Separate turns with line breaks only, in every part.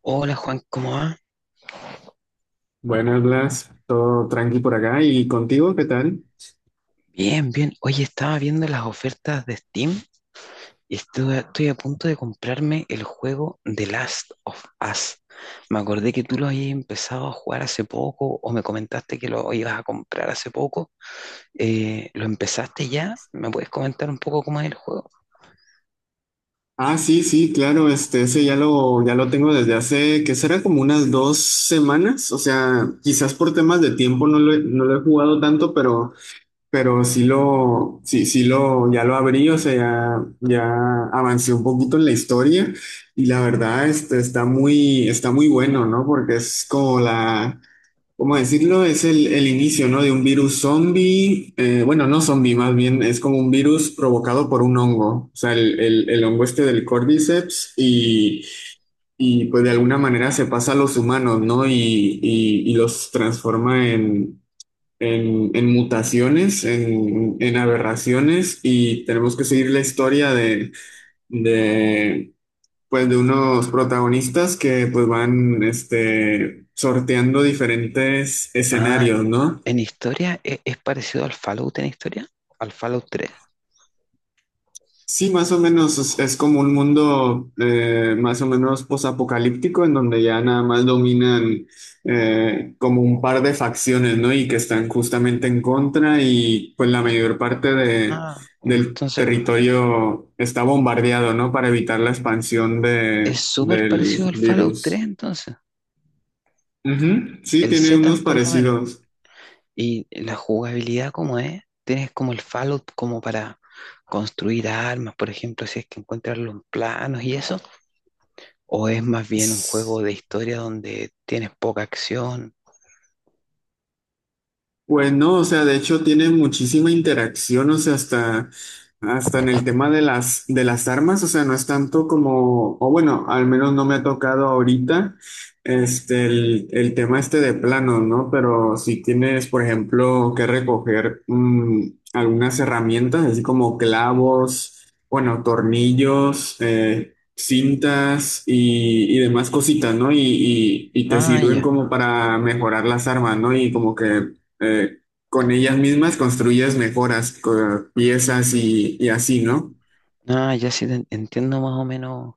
Hola Juan, ¿cómo va?
Buenas, Blas, todo tranqui por acá. ¿Y contigo qué tal?
Bien, bien. Oye, estaba viendo las ofertas de Steam y estoy a punto de comprarme el juego The Last of Us. Me acordé que tú lo habías empezado a jugar hace poco o me comentaste que lo ibas a comprar hace poco. ¿Lo empezaste ya? ¿Me puedes comentar un poco cómo es el juego?
Ah, sí, sí, claro, ese ya lo tengo desde hace, que será como unas 2 semanas. O sea, quizás por temas de tiempo no lo he jugado tanto, pero sí lo, sí, sí lo, ya lo abrí. O sea, ya avancé un poquito en la historia. Y la verdad, está muy bueno, ¿no? Porque es como la... ¿Cómo decirlo? Es el inicio, ¿no? De un virus zombie. Bueno, no zombie, más bien es como un virus provocado por un hongo, o sea, el hongo este del Cordyceps pues de alguna manera se pasa a los humanos, ¿no? Y los transforma en, en mutaciones, en aberraciones, y tenemos que seguir la historia de pues de unos protagonistas que pues van sorteando diferentes
Ah,
escenarios, ¿no?
en historia, es parecido al Fallout en historia, al Fallout tres?
Sí, más o menos es como un mundo, más o menos posapocalíptico, en donde ya nada más dominan, como un par de facciones, ¿no? Y que están justamente en contra, y pues la mayor parte
Ah,
del
entonces
territorio está bombardeado, ¿no? Para evitar la expansión
es súper parecido
del
al Fallout 3,
virus.
entonces.
Ujú, sí,
El
tiene
setup
unos
por lo menos.
parecidos.
¿Y la jugabilidad, como es? Tienes como el Fallout, como para construir armas, por ejemplo, si es que encuentras los planos y eso. ¿O es más bien un juego
Sí,
de historia donde tienes poca acción?
pues no, o sea, de hecho tiene muchísima interacción. O sea, hasta en el tema de las armas, o sea, no es tanto como, o bueno, al menos no me ha tocado ahorita, el tema este de planos, ¿no? Pero si tienes, por ejemplo, que recoger, algunas herramientas, así como clavos, bueno, tornillos, cintas y demás cositas, ¿no? Y te
Ah,
sirven
ya.
como para mejorar las armas, ¿no? Y como que, eh, con ellas mismas construyes mejoras, piezas y así, ¿no?
Ah, ya sí te entiendo más o menos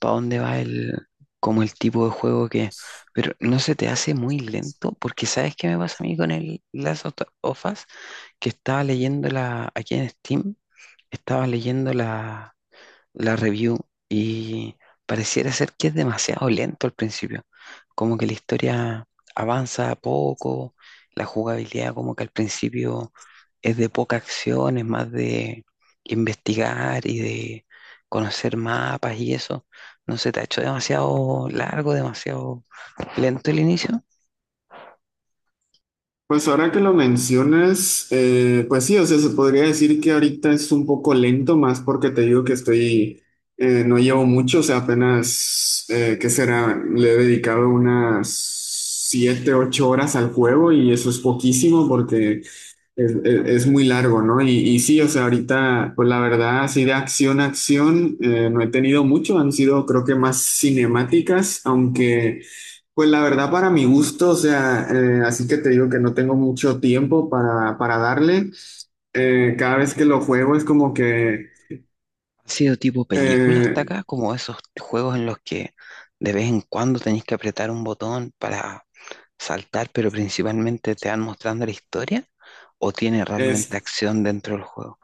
para dónde va el, como el tipo de juego que... Pero ¿no se te hace muy lento? Porque ¿sabes qué me pasa a mí con el Last of Us? Que estaba leyendo la... Aquí en Steam, estaba leyendo la review, y pareciera ser que es demasiado lento al principio. Como que la historia avanza poco, la jugabilidad como que al principio es de poca acción, es más de investigar y de conocer mapas y eso. ¿No se te ha hecho demasiado largo, demasiado lento el inicio?
Pues ahora que lo mencionas, pues sí. O sea, se podría decir que ahorita es un poco lento, más porque te digo que estoy, no llevo mucho. O sea, apenas, ¿qué será? Le he dedicado unas 7, 8 horas al juego, y eso es poquísimo porque es muy largo, ¿no? Y sí, o sea, ahorita, pues la verdad, así de acción a acción, no he tenido mucho, han sido creo que más cinemáticas, aunque... Pues la verdad, para mi gusto, o sea, así que te digo que no tengo mucho tiempo para darle. Cada vez que lo juego es como que,
¿Ha sido tipo película hasta
eh,
acá? Como esos juegos en los que de vez en cuando tenéis que apretar un botón para saltar, pero principalmente te van mostrando la historia, o tiene realmente
es
acción dentro del juego.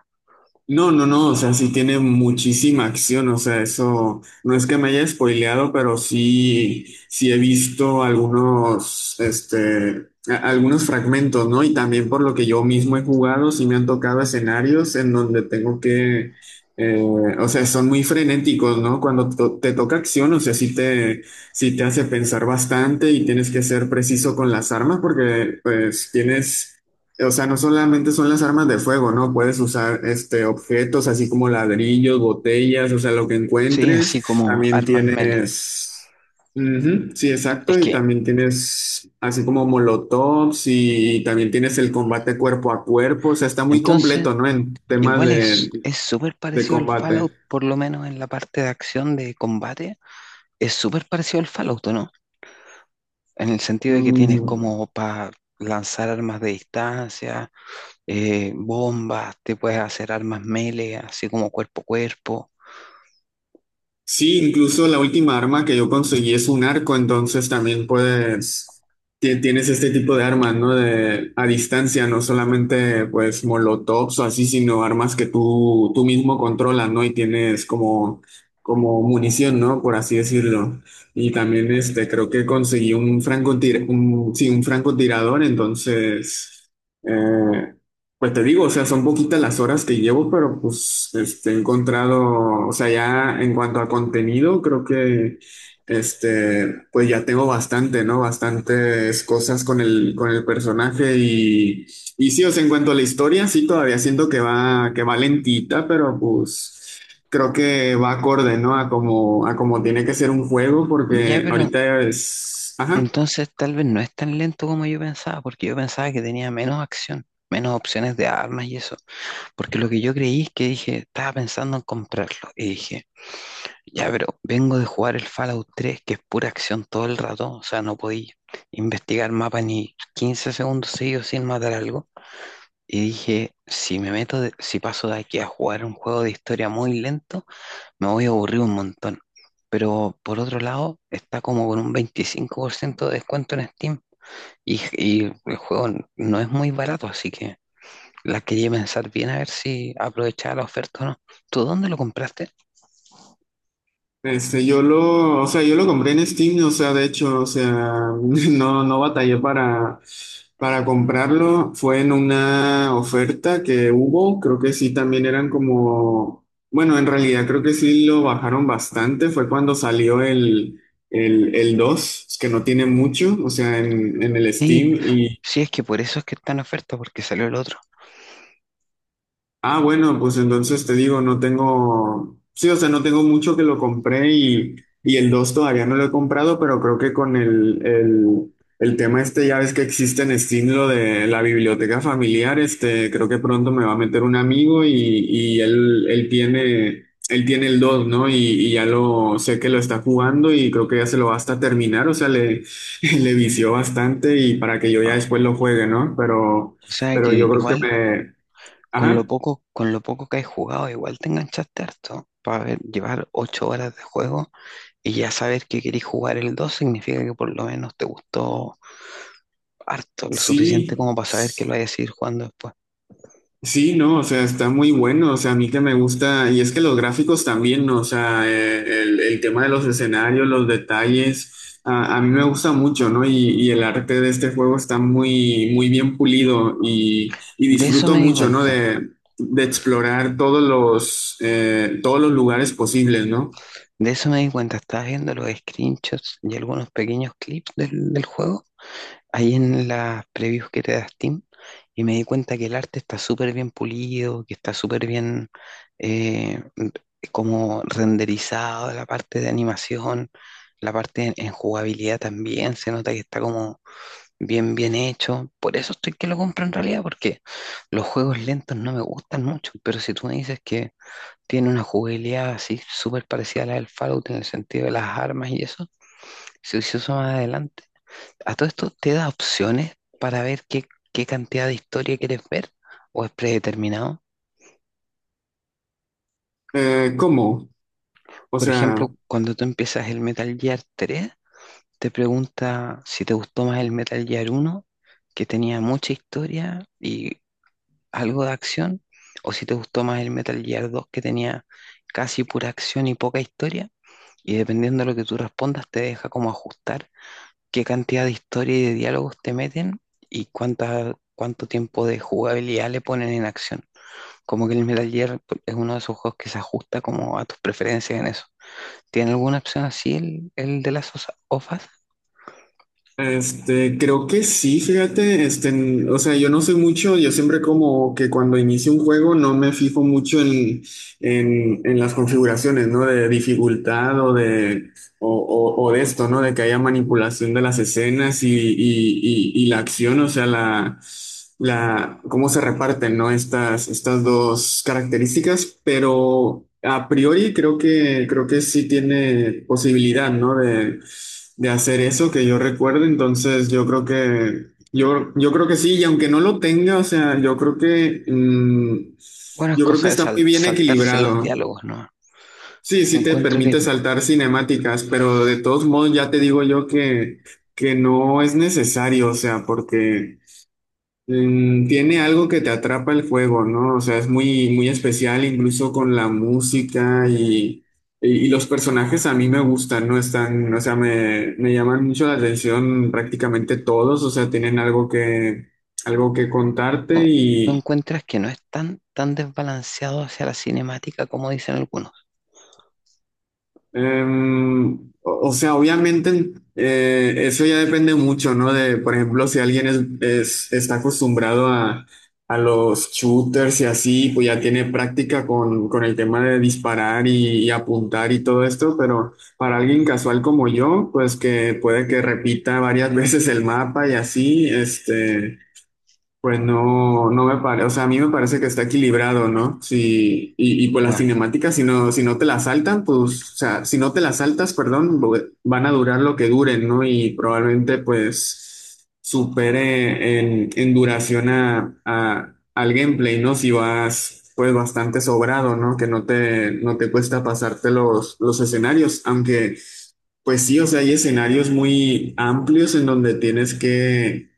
no, no, no. O sea, sí tiene muchísima acción, o sea, eso no es que me haya spoileado, pero sí he visto algunos, algunos fragmentos, ¿no? Y también por lo que yo mismo he jugado, sí me han tocado escenarios en donde tengo que, eh, o sea, son muy frenéticos, ¿no? Cuando te toca acción, o sea, sí te hace pensar bastante, y tienes que ser preciso con las armas porque, pues, tienes. O sea, no solamente son las armas de fuego, ¿no? Puedes usar objetos así como ladrillos, botellas, o sea, lo que
Sí, así
encuentres.
como
También
armas melee.
tienes... Ujú, sí, exacto,
Es
y
que
también tienes así como molotovs y también tienes el combate cuerpo a cuerpo. O sea, está muy
entonces
completo, ¿no? En temas
igual
de,
es súper
de
parecido al
combate.
Fallout, por lo menos en la parte de acción de combate, es súper parecido al Fallout, ¿o no? En el sentido de que tienes
Mm.
como para lanzar armas de distancia, bombas, te puedes hacer armas melee, así como cuerpo a cuerpo.
Sí, incluso la última arma que yo conseguí es un arco. Entonces también puedes, tienes este tipo de armas, ¿no? A distancia, no solamente pues molotovs o así, sino armas que tú mismo controlas, ¿no? Y tienes como munición, ¿no? Por así decirlo. Y también
Ah,
creo que conseguí un francotir, un francotirador, entonces... eh, pues te digo, o sea, son poquitas las horas que llevo, pero pues he encontrado, o sea, ya en cuanto a contenido, creo que pues ya tengo bastante, ¿no? Bastantes cosas con el personaje, y sí, o sea, en cuanto a la historia, sí, todavía siento que va lentita, pero pues creo que va acorde, ¿no? A como tiene que ser un juego,
ya,
porque
pero
ahorita es, ajá.
entonces tal vez no es tan lento como yo pensaba, porque yo pensaba que tenía menos acción, menos opciones de armas y eso. Porque lo que yo creí es que dije, estaba pensando en comprarlo. Y dije, ya, pero vengo de jugar el Fallout 3, que es pura acción todo el rato. O sea, no podía investigar mapa ni 15 segundos seguidos sin matar algo. Y dije, si me meto, si paso de aquí a jugar un juego de historia muy lento, me voy a aburrir un montón. Pero por otro lado, está como con un 25% de descuento en Steam. Y el juego no es muy barato, así que la quería pensar bien a ver si aprovechaba la oferta o no. ¿Tú dónde lo compraste?
Yo lo compré en Steam, o sea, de hecho, o sea, no, no batallé para comprarlo. Fue en una oferta que hubo, creo que sí. También eran como, bueno, en realidad creo que sí lo bajaron bastante. Fue cuando salió el, el dos, que no tiene mucho, o sea, en el
Sí,
Steam.
sí, es que por eso es que está en oferta, porque salió el otro.
Ah, bueno, pues entonces te digo, no tengo, sí, o sea, no tengo mucho que lo compré, y el 2 todavía no lo he comprado. Pero creo que con el, el tema este, ya ves que existe en Steam lo de la biblioteca familiar. Creo que pronto me va a meter un amigo, y él tiene el 2, ¿no? Y sé que lo está jugando, y creo que ya se lo va hasta terminar. O sea, le, le vició bastante, y para que yo ya
Ah,
después lo juegue, ¿no? Pero,
o sea
pero
que
yo creo
igual,
que ajá.
con lo poco que has jugado, igual te enganchaste harto. Para ver, llevar 8 horas de juego y ya saber que querés jugar el 2 significa que por lo menos te gustó harto, lo suficiente como
Sí,
para saber que lo vayas a seguir jugando después.
sí, no, o sea, está muy bueno. O sea, a mí que me gusta. Y es que los gráficos también, ¿no? O sea, el tema de los escenarios, los detalles, a mí me gusta mucho, ¿no? Y el arte de este juego está muy, muy bien pulido, y
De eso
disfruto
me di
mucho, ¿no?
cuenta.
De explorar todos los lugares posibles, ¿no?
De eso me di cuenta, estaba viendo los screenshots y algunos pequeños clips del juego, ahí en las previews que te da Steam, y me di cuenta que el arte está súper bien pulido, que está súper bien, eh, como renderizado, la parte de animación, la parte en jugabilidad también. Se nota que está como bien, bien hecho. Por eso estoy que lo compro en realidad, porque los juegos lentos no me gustan mucho, pero si tú me dices que tiene una jugabilidad así súper parecida a la del Fallout en el sentido de las armas y eso. Si se hizo más adelante. A todo esto, ¿te da opciones para ver qué, qué cantidad de historia quieres ver, o es predeterminado?
¿Cómo? O
Por
sea...
ejemplo, cuando tú empiezas el Metal Gear 3, te pregunta si te gustó más el Metal Gear 1, que tenía mucha historia y algo de acción, o si te gustó más el Metal Gear 2, que tenía casi pura acción y poca historia. Y dependiendo de lo que tú respondas, te deja como ajustar qué cantidad de historia y de diálogos te meten y cuánta, cuánto tiempo de jugabilidad le ponen en acción. Como que el Metal Gear es uno de esos juegos que se ajusta como a tus preferencias en eso. ¿Tiene alguna opción así el de las OFAS?
Creo que sí, fíjate, o sea, yo no sé mucho. Yo siempre, como que cuando inicio un juego, no me fijo mucho en, en las configuraciones, ¿no? De dificultad, o de esto, ¿no? De que haya manipulación de las escenas y la acción. O sea, cómo se reparten, ¿no? Estas dos características. Pero a priori creo que sí tiene posibilidad, ¿no? De hacer eso, que yo recuerdo. Entonces yo creo que sí, y aunque no lo tenga, o sea, yo creo que, mm,
Bueno, es
yo creo que
cosa de
está muy bien
saltarse los
equilibrado.
diálogos, ¿no?
Sí,
Se
sí te
encuentro que es-
permite saltar cinemáticas, pero de todos modos ya te digo yo que no es necesario. O sea, porque tiene algo que te atrapa el juego, ¿no? O sea, es muy, muy especial, incluso con la música y los personajes a mí me gustan, ¿no? Están, o sea, me llaman mucho la atención prácticamente todos. O sea, tienen algo que contarte.
tú, tú encuentras que no es tan, tan desbalanceado hacia la cinemática como dicen algunos.
Em, o sea, obviamente, eso ya depende mucho, ¿no? De, por ejemplo, si alguien es, está acostumbrado a los shooters y así, pues ya tiene práctica con el tema de disparar y apuntar y todo esto. Pero para alguien casual como yo, pues que puede que repita varias veces el mapa y así. Pues no, no me parece. O sea, a mí me parece que está equilibrado, ¿no? Sí, y pues las
Bueno,
cinemáticas, si no te las saltan, pues, o sea, si no te las saltas, perdón, van a durar lo que duren, ¿no? Y probablemente, pues, supere en duración al gameplay, ¿no? Si vas, pues, bastante sobrado, ¿no? Que no te cuesta pasarte los escenarios, aunque... Pues sí, o sea, hay escenarios muy amplios en donde tienes que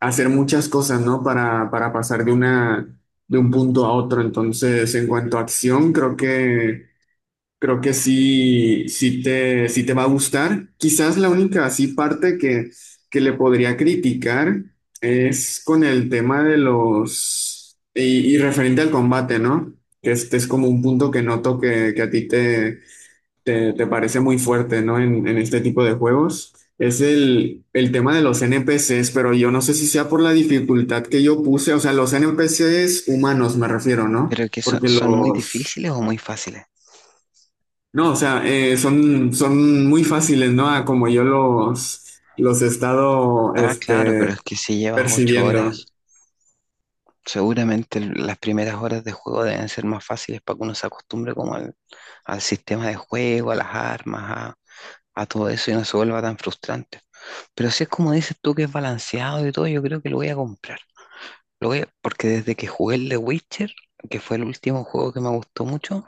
hacer muchas cosas, ¿no? Para pasar de una, de un punto a otro. Entonces, en cuanto a acción, creo que sí, sí te va a gustar. Quizás la única así parte que le podría criticar es con el tema de los, y referente al combate, ¿no? Que este es como un punto que noto que a ti te parece muy fuerte, ¿no? En este tipo de juegos. Es el tema de los NPCs, pero yo no sé si sea por la dificultad que yo puse, o sea, los NPCs humanos me refiero, ¿no?
pero que ¿son,
Porque
son muy
los...
difíciles o muy fáciles?
No, o sea, son muy fáciles, ¿no? A como yo los he estado
Ah, claro, pero es que si llevas 8 horas,
percibiendo.
seguramente las primeras horas de juego deben ser más fáciles para que uno se acostumbre como al, al sistema de juego, a las armas, a todo eso y no se vuelva tan frustrante. Pero si es como dices tú que es balanceado y todo, yo creo que lo voy a comprar. Porque desde que jugué el The Witcher, que fue el último juego que me gustó mucho,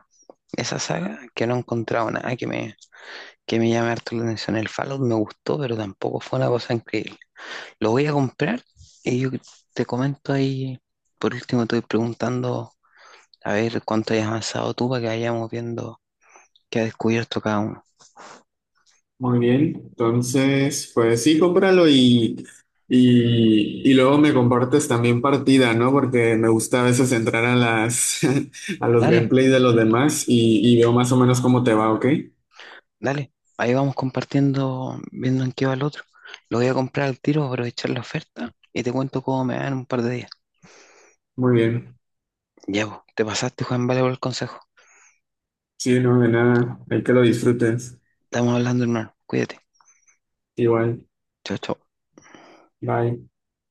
esa saga, que no he encontrado nada que me, que me llame harto la atención. El Fallout me gustó, pero tampoco fue una cosa increíble. Lo voy a comprar y yo te comento ahí. Por último, estoy preguntando a ver cuánto hayas avanzado tú para que vayamos viendo qué ha descubierto cada uno.
Muy bien, entonces, pues sí, cómpralo, y luego me compartes también partida, ¿no? Porque me gusta a veces entrar a las a los
Dale,
gameplays de los demás, y veo más o menos cómo te va, ¿ok?
dale. Ahí vamos compartiendo, viendo en qué va el otro. Lo voy a comprar al tiro, aprovechar la oferta y te cuento cómo me va en un par de días.
Muy bien.
Ya, vos, te pasaste, Juan, vale por el consejo.
Sí, no, de nada. Hay que lo disfrutes.
Estamos hablando, hermano. Cuídate.
Igual.
Chao, chao.
Bye.